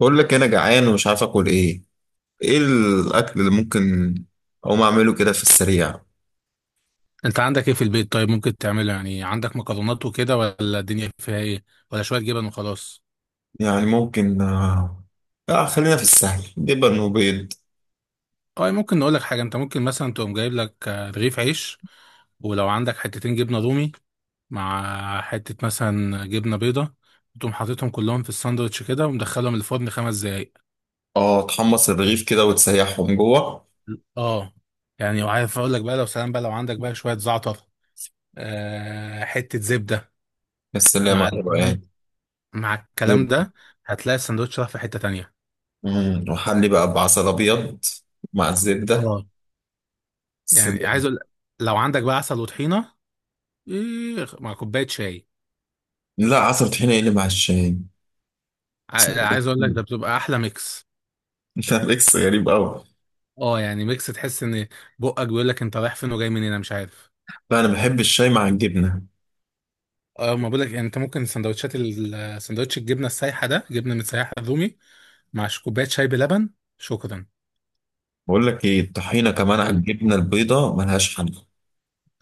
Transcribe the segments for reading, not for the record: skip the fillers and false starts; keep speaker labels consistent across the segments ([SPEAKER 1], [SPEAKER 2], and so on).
[SPEAKER 1] بقول لك انا جعان ومش عارف اكل ايه. ايه الاكل اللي ممكن اقوم اعمله كده في السريع؟
[SPEAKER 2] انت عندك ايه في البيت؟ طيب ممكن تعمله؟ يعني عندك مكرونات وكده، ولا الدنيا فيها ايه؟ ولا شويه جبن وخلاص.
[SPEAKER 1] يعني ممكن آه. خلينا في السهل، جبن وبيض.
[SPEAKER 2] اه ممكن نقول لك حاجه، انت ممكن مثلا تقوم جايب لك رغيف عيش، ولو عندك حتتين جبنه رومي مع حته مثلا جبنه بيضه، تقوم حاططهم كلهم في الساندوتش كده، ومدخلهم الفرن خمس دقايق.
[SPEAKER 1] اه، تحمص الرغيف كده وتسيحهم جوه.
[SPEAKER 2] اه يعني وعارف اقول لك بقى، لو سلام بقى، لو عندك بقى شويه زعتر، آه حته زبده،
[SPEAKER 1] يا سلام
[SPEAKER 2] مع
[SPEAKER 1] على
[SPEAKER 2] الكلام
[SPEAKER 1] الروقان.
[SPEAKER 2] مع الكلام ده هتلاقي الساندوتش راح في حته تانية.
[SPEAKER 1] وحلي بقى بعسل ابيض مع الزبده.
[SPEAKER 2] اه يعني عايز
[SPEAKER 1] سلام.
[SPEAKER 2] اقول، لو عندك بقى عسل وطحينه، إيه مع كوبايه شاي.
[SPEAKER 1] لا، عسل طحينه، ايه اللي مع الشاي؟
[SPEAKER 2] عايز اقول لك ده بتبقى احلى ميكس.
[SPEAKER 1] لا، ميكس غريب قوي.
[SPEAKER 2] اه يعني ميكس تحس ان بقك بيقول لك انت رايح فين وجاي منين، انا مش عارف.
[SPEAKER 1] لا، انا بحب الشاي مع الجبنه.
[SPEAKER 2] اه ما بقول لك، يعني انت ممكن سندوتشات سندوتش الجبنه السايحه ده، جبنه متسيحه رومي، مع كوبايه شاي بلبن. شكرا.
[SPEAKER 1] بقول لك ايه، الطحينه كمان على
[SPEAKER 2] قلت،
[SPEAKER 1] الجبنه البيضاء ملهاش حل.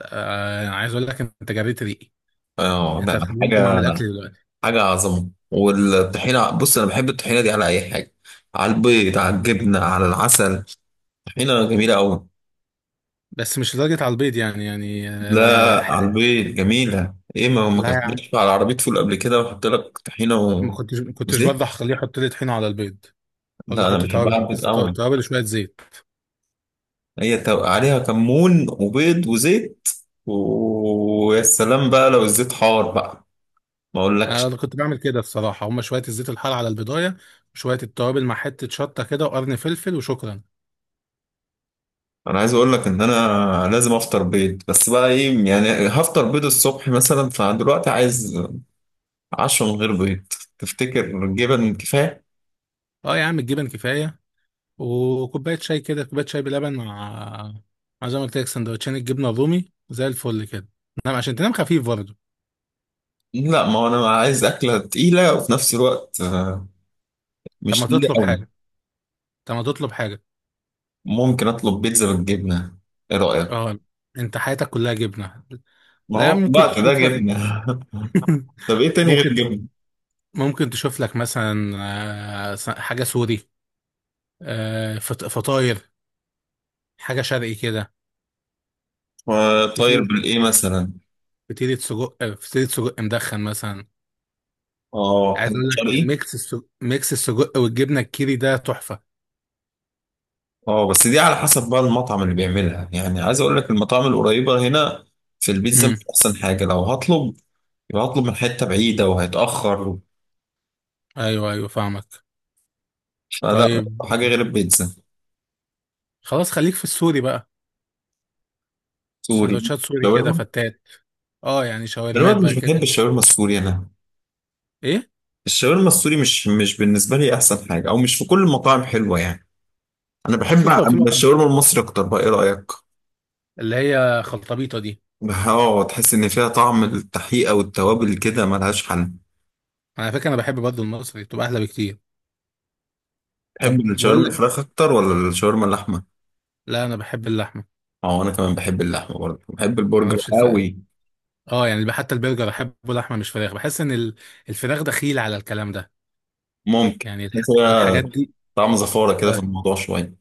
[SPEAKER 2] آه عايز اقول لك انت جريت ريقي،
[SPEAKER 1] اه،
[SPEAKER 2] انت
[SPEAKER 1] ده
[SPEAKER 2] هتخليني اقوم
[SPEAKER 1] حاجة.
[SPEAKER 2] اعمل اكل دلوقتي.
[SPEAKER 1] حاجة عظمة. والطحينة بص، أنا بحب الطحينة دي على أي حاجة، على البيض، على الجبنة، على العسل. طحينة جميلة أوي.
[SPEAKER 2] بس مش لدرجه على البيض، يعني يعني
[SPEAKER 1] لا،
[SPEAKER 2] آه.
[SPEAKER 1] على البيض جميلة. إيه، ما
[SPEAKER 2] لا يا
[SPEAKER 1] كانتش
[SPEAKER 2] عم،
[SPEAKER 1] على عربية فول قبل كده وأحط لك طحينة و...
[SPEAKER 2] ما كنتش
[SPEAKER 1] وزيت.
[SPEAKER 2] برضه هخليه يحط لي طحينه على البيض، ولا
[SPEAKER 1] لا، أنا
[SPEAKER 2] احط
[SPEAKER 1] بحبها على
[SPEAKER 2] توابل
[SPEAKER 1] البيض
[SPEAKER 2] بس،
[SPEAKER 1] أوي.
[SPEAKER 2] توابل وشويه زيت.
[SPEAKER 1] هي عليها كمون وبيض وزيت. ويا سلام بقى لو الزيت حار بقى. ما أقولكش.
[SPEAKER 2] انا كنت بعمل كده الصراحه، هما شويه الزيت الحار على البدايه، وشويه التوابل مع حته شطه كده وقرن فلفل، وشكرا.
[SPEAKER 1] انا عايز اقول لك ان انا لازم افطر بيض، بس بقى ايه يعني، هفطر بيض الصبح مثلا، فدلوقتي عايز 10 من غير بيض. تفتكر جبن كفاية؟
[SPEAKER 2] اه يا عم الجبن كفايه، وكوبايه شاي كده، كوبايه شاي بلبن، مع زي ما قلت لك، سندوتشين الجبنه الرومي زي الفل كده. نعم عشان تنام خفيف برضه.
[SPEAKER 1] لا، ما هو أنا عايز أكلة تقيلة، وفي نفس الوقت
[SPEAKER 2] طب
[SPEAKER 1] مش
[SPEAKER 2] ما
[SPEAKER 1] تقيلة
[SPEAKER 2] تطلب
[SPEAKER 1] أوي.
[SPEAKER 2] حاجه طب ما تطلب حاجه.
[SPEAKER 1] ممكن أطلب بيتزا بالجبنة، إيه رأيك؟
[SPEAKER 2] اه انت حياتك كلها جبنه.
[SPEAKER 1] ما
[SPEAKER 2] لا يا عم
[SPEAKER 1] هو في
[SPEAKER 2] ممكن
[SPEAKER 1] الوقت ده
[SPEAKER 2] تشوف لك.
[SPEAKER 1] جبنة. طب إيه تاني غير
[SPEAKER 2] ممكن
[SPEAKER 1] جبنة؟
[SPEAKER 2] ممكن تشوف لك مثلا حاجه سوري، فطاير، حاجه شرقي كده.
[SPEAKER 1] آه، طاير
[SPEAKER 2] فطير،
[SPEAKER 1] بالإيه مثلا؟
[SPEAKER 2] فطيره سجق مدخن مثلا.
[SPEAKER 1] آه،
[SPEAKER 2] عايز
[SPEAKER 1] حلو
[SPEAKER 2] اقول لك،
[SPEAKER 1] شرقي؟
[SPEAKER 2] ميكس السجق والجبنه الكيري ده تحفه.
[SPEAKER 1] آه، بس دي على حسب بقى المطعم اللي بيعملها. يعني عايز أقول لك، المطاعم القريبة هنا، في البيتزا
[SPEAKER 2] امم.
[SPEAKER 1] مش أحسن حاجة لو هطلب. يبقى هطلب من حتة بعيدة وهيتأخر.
[SPEAKER 2] ايوه ايوه فاهمك.
[SPEAKER 1] فلا
[SPEAKER 2] طيب
[SPEAKER 1] حاجة غير البيتزا.
[SPEAKER 2] خلاص، خليك في السوري بقى،
[SPEAKER 1] سوري.
[SPEAKER 2] سندوتشات سوري كده،
[SPEAKER 1] شاورما.
[SPEAKER 2] فتات. اه يعني شاورمات
[SPEAKER 1] دلوقتي مش
[SPEAKER 2] بقى
[SPEAKER 1] بحب
[SPEAKER 2] كده.
[SPEAKER 1] الشاورما السوري انا.
[SPEAKER 2] ايه؟
[SPEAKER 1] الشاورما السوري مش بالنسبه لي احسن حاجه، او مش في كل المطاعم حلوه يعني. انا بحب
[SPEAKER 2] شوف لو في مطعم،
[SPEAKER 1] الشاورما المصري اكتر، بقى ايه رايك؟
[SPEAKER 2] اللي هي خلطبيطه دي.
[SPEAKER 1] اه، تحس ان فيها طعم التحقيقه والتوابل كده، ملهاش حل.
[SPEAKER 2] على فكره انا بحب برضه المصري، تبقى احلى بكتير.
[SPEAKER 1] تحب
[SPEAKER 2] طب بقول
[SPEAKER 1] الشاورما
[SPEAKER 2] لك،
[SPEAKER 1] الفراخ اكتر ولا الشاورما اللحمه؟
[SPEAKER 2] لا انا بحب اللحمه.
[SPEAKER 1] اه، انا كمان بحب اللحمه، برضه بحب
[SPEAKER 2] انا ما
[SPEAKER 1] البرجر
[SPEAKER 2] اعرفش الفرق.
[SPEAKER 1] قوي.
[SPEAKER 2] اه يعني حتى البرجر احبه لحمه مش فراخ. بحس ان الفراخ دخيل على الكلام ده.
[SPEAKER 1] ممكن.
[SPEAKER 2] يعني
[SPEAKER 1] بس هي
[SPEAKER 2] الحاجات دي.
[SPEAKER 1] طعم زفاره كده في
[SPEAKER 2] اه.
[SPEAKER 1] الموضوع شويه.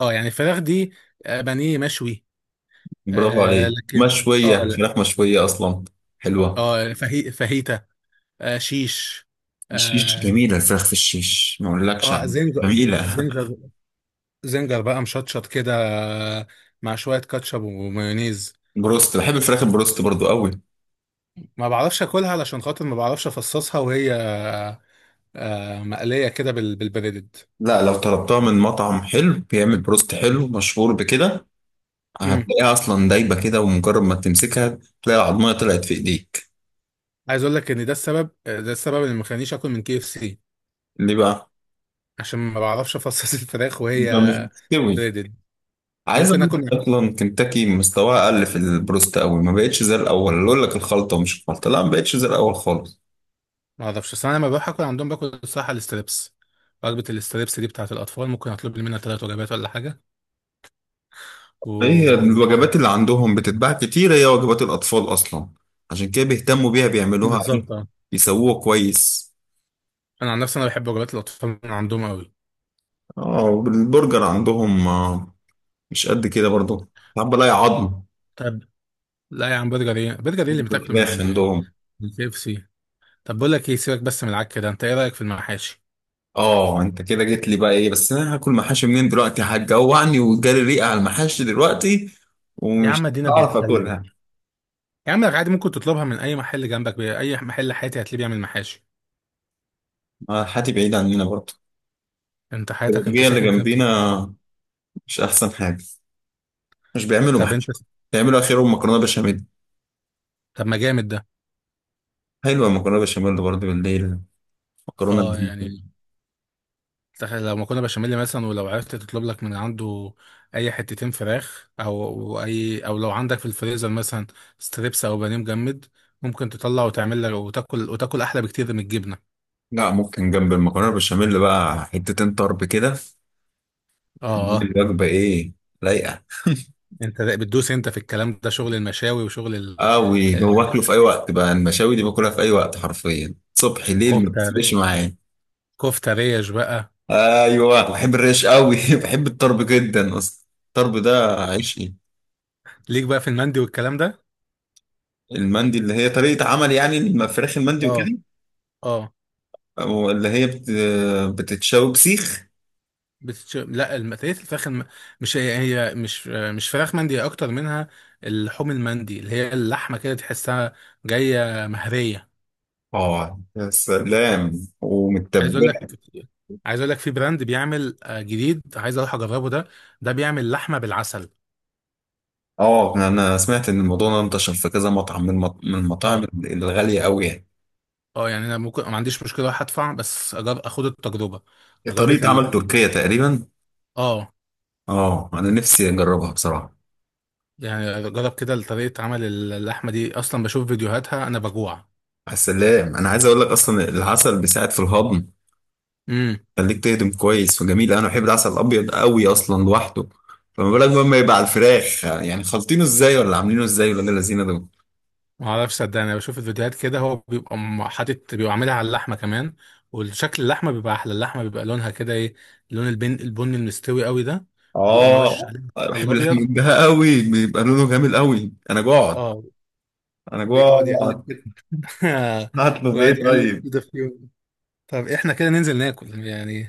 [SPEAKER 2] يعني الفراخ دي، بانيه مشوي.
[SPEAKER 1] برافو
[SPEAKER 2] آه
[SPEAKER 1] عليك،
[SPEAKER 2] لكن، اه
[SPEAKER 1] مشويه،
[SPEAKER 2] لا.
[SPEAKER 1] فراخ مشويه اصلا. حلوه.
[SPEAKER 2] اه فهي فاهيتا، آه شيش.
[SPEAKER 1] الشيش
[SPEAKER 2] اه.
[SPEAKER 1] جميله، الفراخ في الشيش ما اقولكش عليها.
[SPEAKER 2] زنجر.
[SPEAKER 1] جميله.
[SPEAKER 2] زنجر. زنجر بقى مشطشط كده، آه، مع شوية كاتشب ومايونيز.
[SPEAKER 1] بروست، بحب الفراخ البروست برضو قوي.
[SPEAKER 2] ما بعرفش اكلها، علشان خاطر ما بعرفش افصصها وهي آه مقلية كده بالبريدد.
[SPEAKER 1] لا، لو طلبتها من مطعم حلو بيعمل بروست
[SPEAKER 2] مم.
[SPEAKER 1] حلو مشهور بكده،
[SPEAKER 2] مم.
[SPEAKER 1] هتلاقيها اصلا دايبه كده، ومجرد ما تمسكها تلاقي العضميه طلعت في ايديك.
[SPEAKER 2] عايز اقول لك ان، ده السبب اللي مخلينيش اكل من كي اف سي.
[SPEAKER 1] ليه بقى؟
[SPEAKER 2] عشان ما بعرفش افصص الفراخ وهي
[SPEAKER 1] يبقى مش مستوي.
[SPEAKER 2] بريدد.
[SPEAKER 1] عايز
[SPEAKER 2] ممكن
[SPEAKER 1] اقول
[SPEAKER 2] اكل،
[SPEAKER 1] لك، اصلا كنتاكي مستواها اقل في البروست قوي، ما بقتش زي الاول. اللي اقول لك الخلطه، مش الخلطه، لا، ما بقتش زي الاول خالص.
[SPEAKER 2] ما اعرفش، بس انا لما بروح اكل عندهم باكل الصراحه الاستريبس. وجبه الاستريبس دي بتاعه الاطفال، ممكن اطلب لي منها ثلاث وجبات ولا حاجه،
[SPEAKER 1] هي
[SPEAKER 2] و
[SPEAKER 1] الوجبات اللي عندهم بتتباع كتير، هي وجبات الاطفال اصلا، عشان كده بيهتموا بيها، بيعملوها ايه،
[SPEAKER 2] بالظبط اه.
[SPEAKER 1] يسووها كويس.
[SPEAKER 2] انا عن نفسي انا بحب وجبات الاطفال من عندهم قوي.
[SPEAKER 1] اه، البرجر عندهم مش قد كده برضو، ساعات بلاقي عظم
[SPEAKER 2] طب لا يا عم، برجر ايه؟ برجر ايه
[SPEAKER 1] في
[SPEAKER 2] اللي بتاكله من
[SPEAKER 1] الفراخ
[SPEAKER 2] عند
[SPEAKER 1] عندهم.
[SPEAKER 2] الكي اف سي؟ طب بقول لك ايه، سيبك بس من العك ده، انت ايه رايك في المحاشي؟
[SPEAKER 1] اه، انت كده جيت لي بقى ايه، بس انا هاكل محاشي منين دلوقتي؟ هتجوعني، وجالي ريقه على المحاشي دلوقتي،
[SPEAKER 2] يا
[SPEAKER 1] ومش
[SPEAKER 2] عم ادينا
[SPEAKER 1] هعرف
[SPEAKER 2] بنتكلم.
[SPEAKER 1] اكلها.
[SPEAKER 2] يا عم عادي، ممكن تطلبها من اي محل جنبك، اي محل حياتي هتلاقيه بيعمل محاشي.
[SPEAKER 1] حياتي بعيد عننا برضو.
[SPEAKER 2] انت حياتك انت
[SPEAKER 1] البلدية اللي
[SPEAKER 2] ساكن فين؟ في
[SPEAKER 1] جنبينا
[SPEAKER 2] الصحراء؟
[SPEAKER 1] مش احسن حاجه، مش بيعملوا
[SPEAKER 2] طب انت.
[SPEAKER 1] محاشي، بيعملوا اخرهم مكرونه بشاميل.
[SPEAKER 2] طب ما جامد ده.
[SPEAKER 1] حلوه المكرونه بشاميل برضو بالليل. مكرونه
[SPEAKER 2] اه يعني،
[SPEAKER 1] بالليل.
[SPEAKER 2] تخيل لو مكرونه بشاميل مثلا، ولو عرفت تطلب لك من عنده اي حتتين فراخ، او اي، او لو عندك في الفريزر مثلا ستريبس او بانيه مجمد، ممكن تطلع وتعمل لك، وتاكل، وتاكل احلى بكتير من الجبنه.
[SPEAKER 1] لا، ممكن جنب المكرونه بشاميل بقى حتتين طرب كده.
[SPEAKER 2] اه
[SPEAKER 1] الوجبه ايه، لايقه.
[SPEAKER 2] انت بتدوس انت في الكلام ده شغل المشاوي، وشغل
[SPEAKER 1] اه، وباكله في اي وقت بقى. المشاوي دي باكلها في اي وقت حرفيا، صبح ليل ما
[SPEAKER 2] الكفته،
[SPEAKER 1] بتفرقش معايا.
[SPEAKER 2] كفته ريش بقى.
[SPEAKER 1] ايوه، بحب الريش قوي. بحب الطرب جدا، اصلا الطرب ده عيشي.
[SPEAKER 2] ليك بقى في المندي والكلام ده.
[SPEAKER 1] المندي اللي هي طريقة عمل يعني، فراخ المندي
[SPEAKER 2] اه.
[SPEAKER 1] وكده.
[SPEAKER 2] اه.
[SPEAKER 1] أو اللي هي بتتشوي بسيخ.
[SPEAKER 2] لا المقلية، الفراخ مش هي، مش فراخ مندي هي، اكتر منها اللحوم. المندي اللي هي اللحمه كده تحسها جايه مهريه.
[SPEAKER 1] اه، يا سلام
[SPEAKER 2] عايز اقول لك
[SPEAKER 1] ومتبلة.
[SPEAKER 2] عايز اقول لك في براند بيعمل جديد عايز اروح اجربه ده، ده بيعمل لحمه بالعسل.
[SPEAKER 1] اه، انا سمعت ان الموضوع ده انتشر في كذا مطعم، من المطاعم
[SPEAKER 2] اه.
[SPEAKER 1] الغالية قوي يعني.
[SPEAKER 2] اه يعني انا ممكن ما عنديش مشكله اروح ادفع، بس اخد التجربه، تجربه
[SPEAKER 1] طريقة عمل تركية تقريبا.
[SPEAKER 2] اه
[SPEAKER 1] اه، انا نفسي اجربها بصراحة.
[SPEAKER 2] يعني جرب كده طريقه عمل. اللحمه دي اصلا بشوف فيديوهاتها انا بجوع.
[SPEAKER 1] يا سلام، انا عايز اقول لك اصلا العسل بيساعد في الهضم.
[SPEAKER 2] إمم.
[SPEAKER 1] خليك تهضم كويس وجميل. انا بحب العسل الابيض قوي اصلا لوحده. فما بالك بقى لما يبقى على الفراخ، يعني خالطينه ازاي ولا عاملينه ازاي، ولا اللذينه دول؟
[SPEAKER 2] ما اعرفش، صدقني انا بشوف الفيديوهات كده، هو بيبقى حاطط، بيبقى عاملها على اللحمه كمان، وشكل اللحمه بيبقى احلى، اللحمه بيبقى لونها كده ايه، لون البن، البني المستوي قوي ده. ويقوم مرشش
[SPEAKER 1] اه،
[SPEAKER 2] عليه البصل
[SPEAKER 1] بحب
[SPEAKER 2] الابيض.
[SPEAKER 1] اللحم ده قوي، بيبقى لونه جميل قوي. انا جوعت.
[SPEAKER 2] اه.
[SPEAKER 1] انا
[SPEAKER 2] ويقعد يقلب
[SPEAKER 1] جوعت.
[SPEAKER 2] كده.
[SPEAKER 1] هطلب ايه
[SPEAKER 2] ويقعد يقلب
[SPEAKER 1] طيب؟
[SPEAKER 2] كده فيهم. طب احنا كده ننزل ناكل يعني؟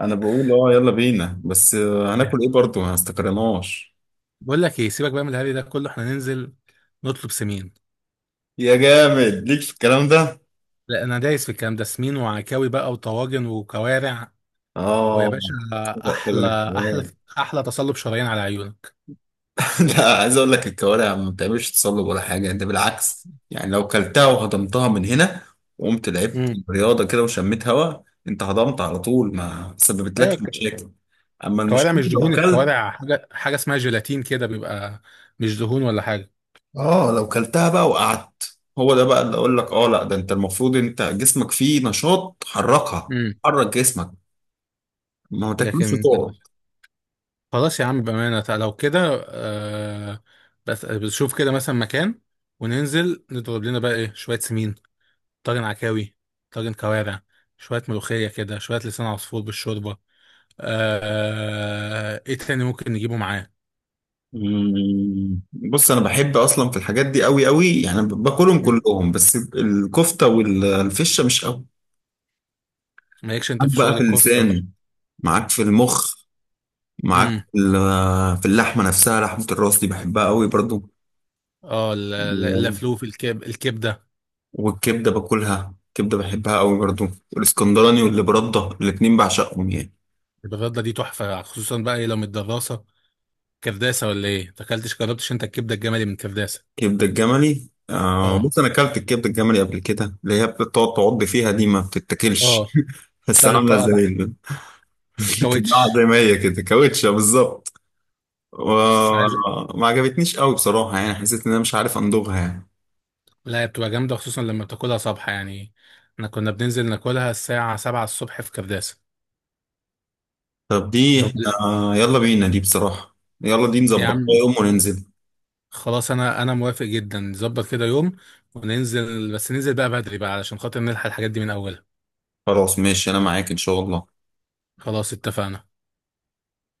[SPEAKER 1] انا بقول اه، يلا بينا، بس هناكل ايه برضه، ما استقرناش.
[SPEAKER 2] بقول لك ايه، سيبك بقى من الهري ده كله، احنا ننزل نطلب سمين.
[SPEAKER 1] يا جامد ليك في الكلام ده.
[SPEAKER 2] لا انا دايس في الكلام ده، سمين وعكاوي بقى، وطواجن وكوارع، ويا
[SPEAKER 1] اه،
[SPEAKER 2] باشا.
[SPEAKER 1] صدق. طب
[SPEAKER 2] احلى،
[SPEAKER 1] انا
[SPEAKER 2] احلى،
[SPEAKER 1] كمان.
[SPEAKER 2] احلى. تصلب شرايين على عيونك.
[SPEAKER 1] لا، عايز اقول لك الكوارع ما بتعملش تصلب ولا حاجه، انت بالعكس يعني، لو كلتها وهضمتها من هنا، وقمت لعبت رياضه كده وشميت هواء، انت هضمت على طول، ما
[SPEAKER 2] ايوه
[SPEAKER 1] سببتلكش مشاكل. اما
[SPEAKER 2] الكوارع
[SPEAKER 1] المشكله
[SPEAKER 2] مش
[SPEAKER 1] لو
[SPEAKER 2] دهون.
[SPEAKER 1] كلت،
[SPEAKER 2] الكوارع حاجه اسمها جيلاتين كده بيبقى، مش دهون ولا حاجه.
[SPEAKER 1] اه، لو كلتها بقى وقعدت، هو ده بقى اللي اقول لك. اه لا، ده انت المفروض، انت جسمك فيه نشاط، حركها.
[SPEAKER 2] امم.
[SPEAKER 1] حرك جسمك. ما تاكلوش
[SPEAKER 2] لكن
[SPEAKER 1] وتقعد.
[SPEAKER 2] خلاص يا عم، بامانه، لو كده، آه، بس بنشوف كده مثلا مكان، وننزل نضرب لنا بقى ايه، شويه سمين، طاجن عكاوي، طاجن كوارع، شويه ملوخيه كده، شويه لسان عصفور بالشوربه، آه ايه تاني ممكن نجيبه معاه؟
[SPEAKER 1] مم. بص، انا بحب اصلا في الحاجات دي قوي قوي يعني، باكلهم
[SPEAKER 2] مم.
[SPEAKER 1] كلهم، بس الكفته والفشه مش قوي.
[SPEAKER 2] مالكش انت
[SPEAKER 1] معاك
[SPEAKER 2] في
[SPEAKER 1] بقى
[SPEAKER 2] شغل
[SPEAKER 1] في
[SPEAKER 2] الكفته.
[SPEAKER 1] اللسان. معاك في المخ. معاك
[SPEAKER 2] امم.
[SPEAKER 1] في اللحمة نفسها، لحمة الراس دي بحبها قوي برضو.
[SPEAKER 2] اه
[SPEAKER 1] و-
[SPEAKER 2] اللفلوف، الكبده.
[SPEAKER 1] والكبدة، باكلها كبدة بحبها قوي برضو. والاسكندراني واللي برده، الاتنين بعشقهم يعني.
[SPEAKER 2] الغدة دي تحفة، خصوصا بقى ايه لو من الدراسة، كرداسة، ولا ايه؟ تاكلتش، جربتش انت الكبدة الجملي من كرداسة؟
[SPEAKER 1] كبدة الجملي.
[SPEAKER 2] اه.
[SPEAKER 1] بص، انا اكلت الكبدة الجملي قبل كده، اللي هي بتقعد تعض فيها دي ما
[SPEAKER 2] اه.
[SPEAKER 1] بتتاكلش. بس
[SPEAKER 2] حساب
[SPEAKER 1] عاملة
[SPEAKER 2] الطاقة
[SPEAKER 1] زي
[SPEAKER 2] تحت. كاوتش.
[SPEAKER 1] بتتباع زي ما هي كده، كاوتشة بالظبط.
[SPEAKER 2] بس عايز.
[SPEAKER 1] وما عجبتنيش قوي بصراحة يعني، حسيت ان انا مش عارف امضغها يعني.
[SPEAKER 2] لا هي بتبقى جامدة، خصوصا لما بتاكلها صبح يعني، احنا كنا بننزل ناكلها الساعة 7 الصبح في كرداسة.
[SPEAKER 1] طب دي،
[SPEAKER 2] نب-
[SPEAKER 1] احنا يلا بينا دي بصراحة، يلا دي
[SPEAKER 2] يا
[SPEAKER 1] نظبطها
[SPEAKER 2] عم
[SPEAKER 1] يوم وننزل.
[SPEAKER 2] خلاص، انا موافق جدا، نظبط كده يوم وننزل، بس ننزل بقى بدري بقى، علشان خاطر نلحق الحاجات دي من اولها.
[SPEAKER 1] خلاص ماشي، أنا معاك إن شاء الله.
[SPEAKER 2] خلاص اتفقنا.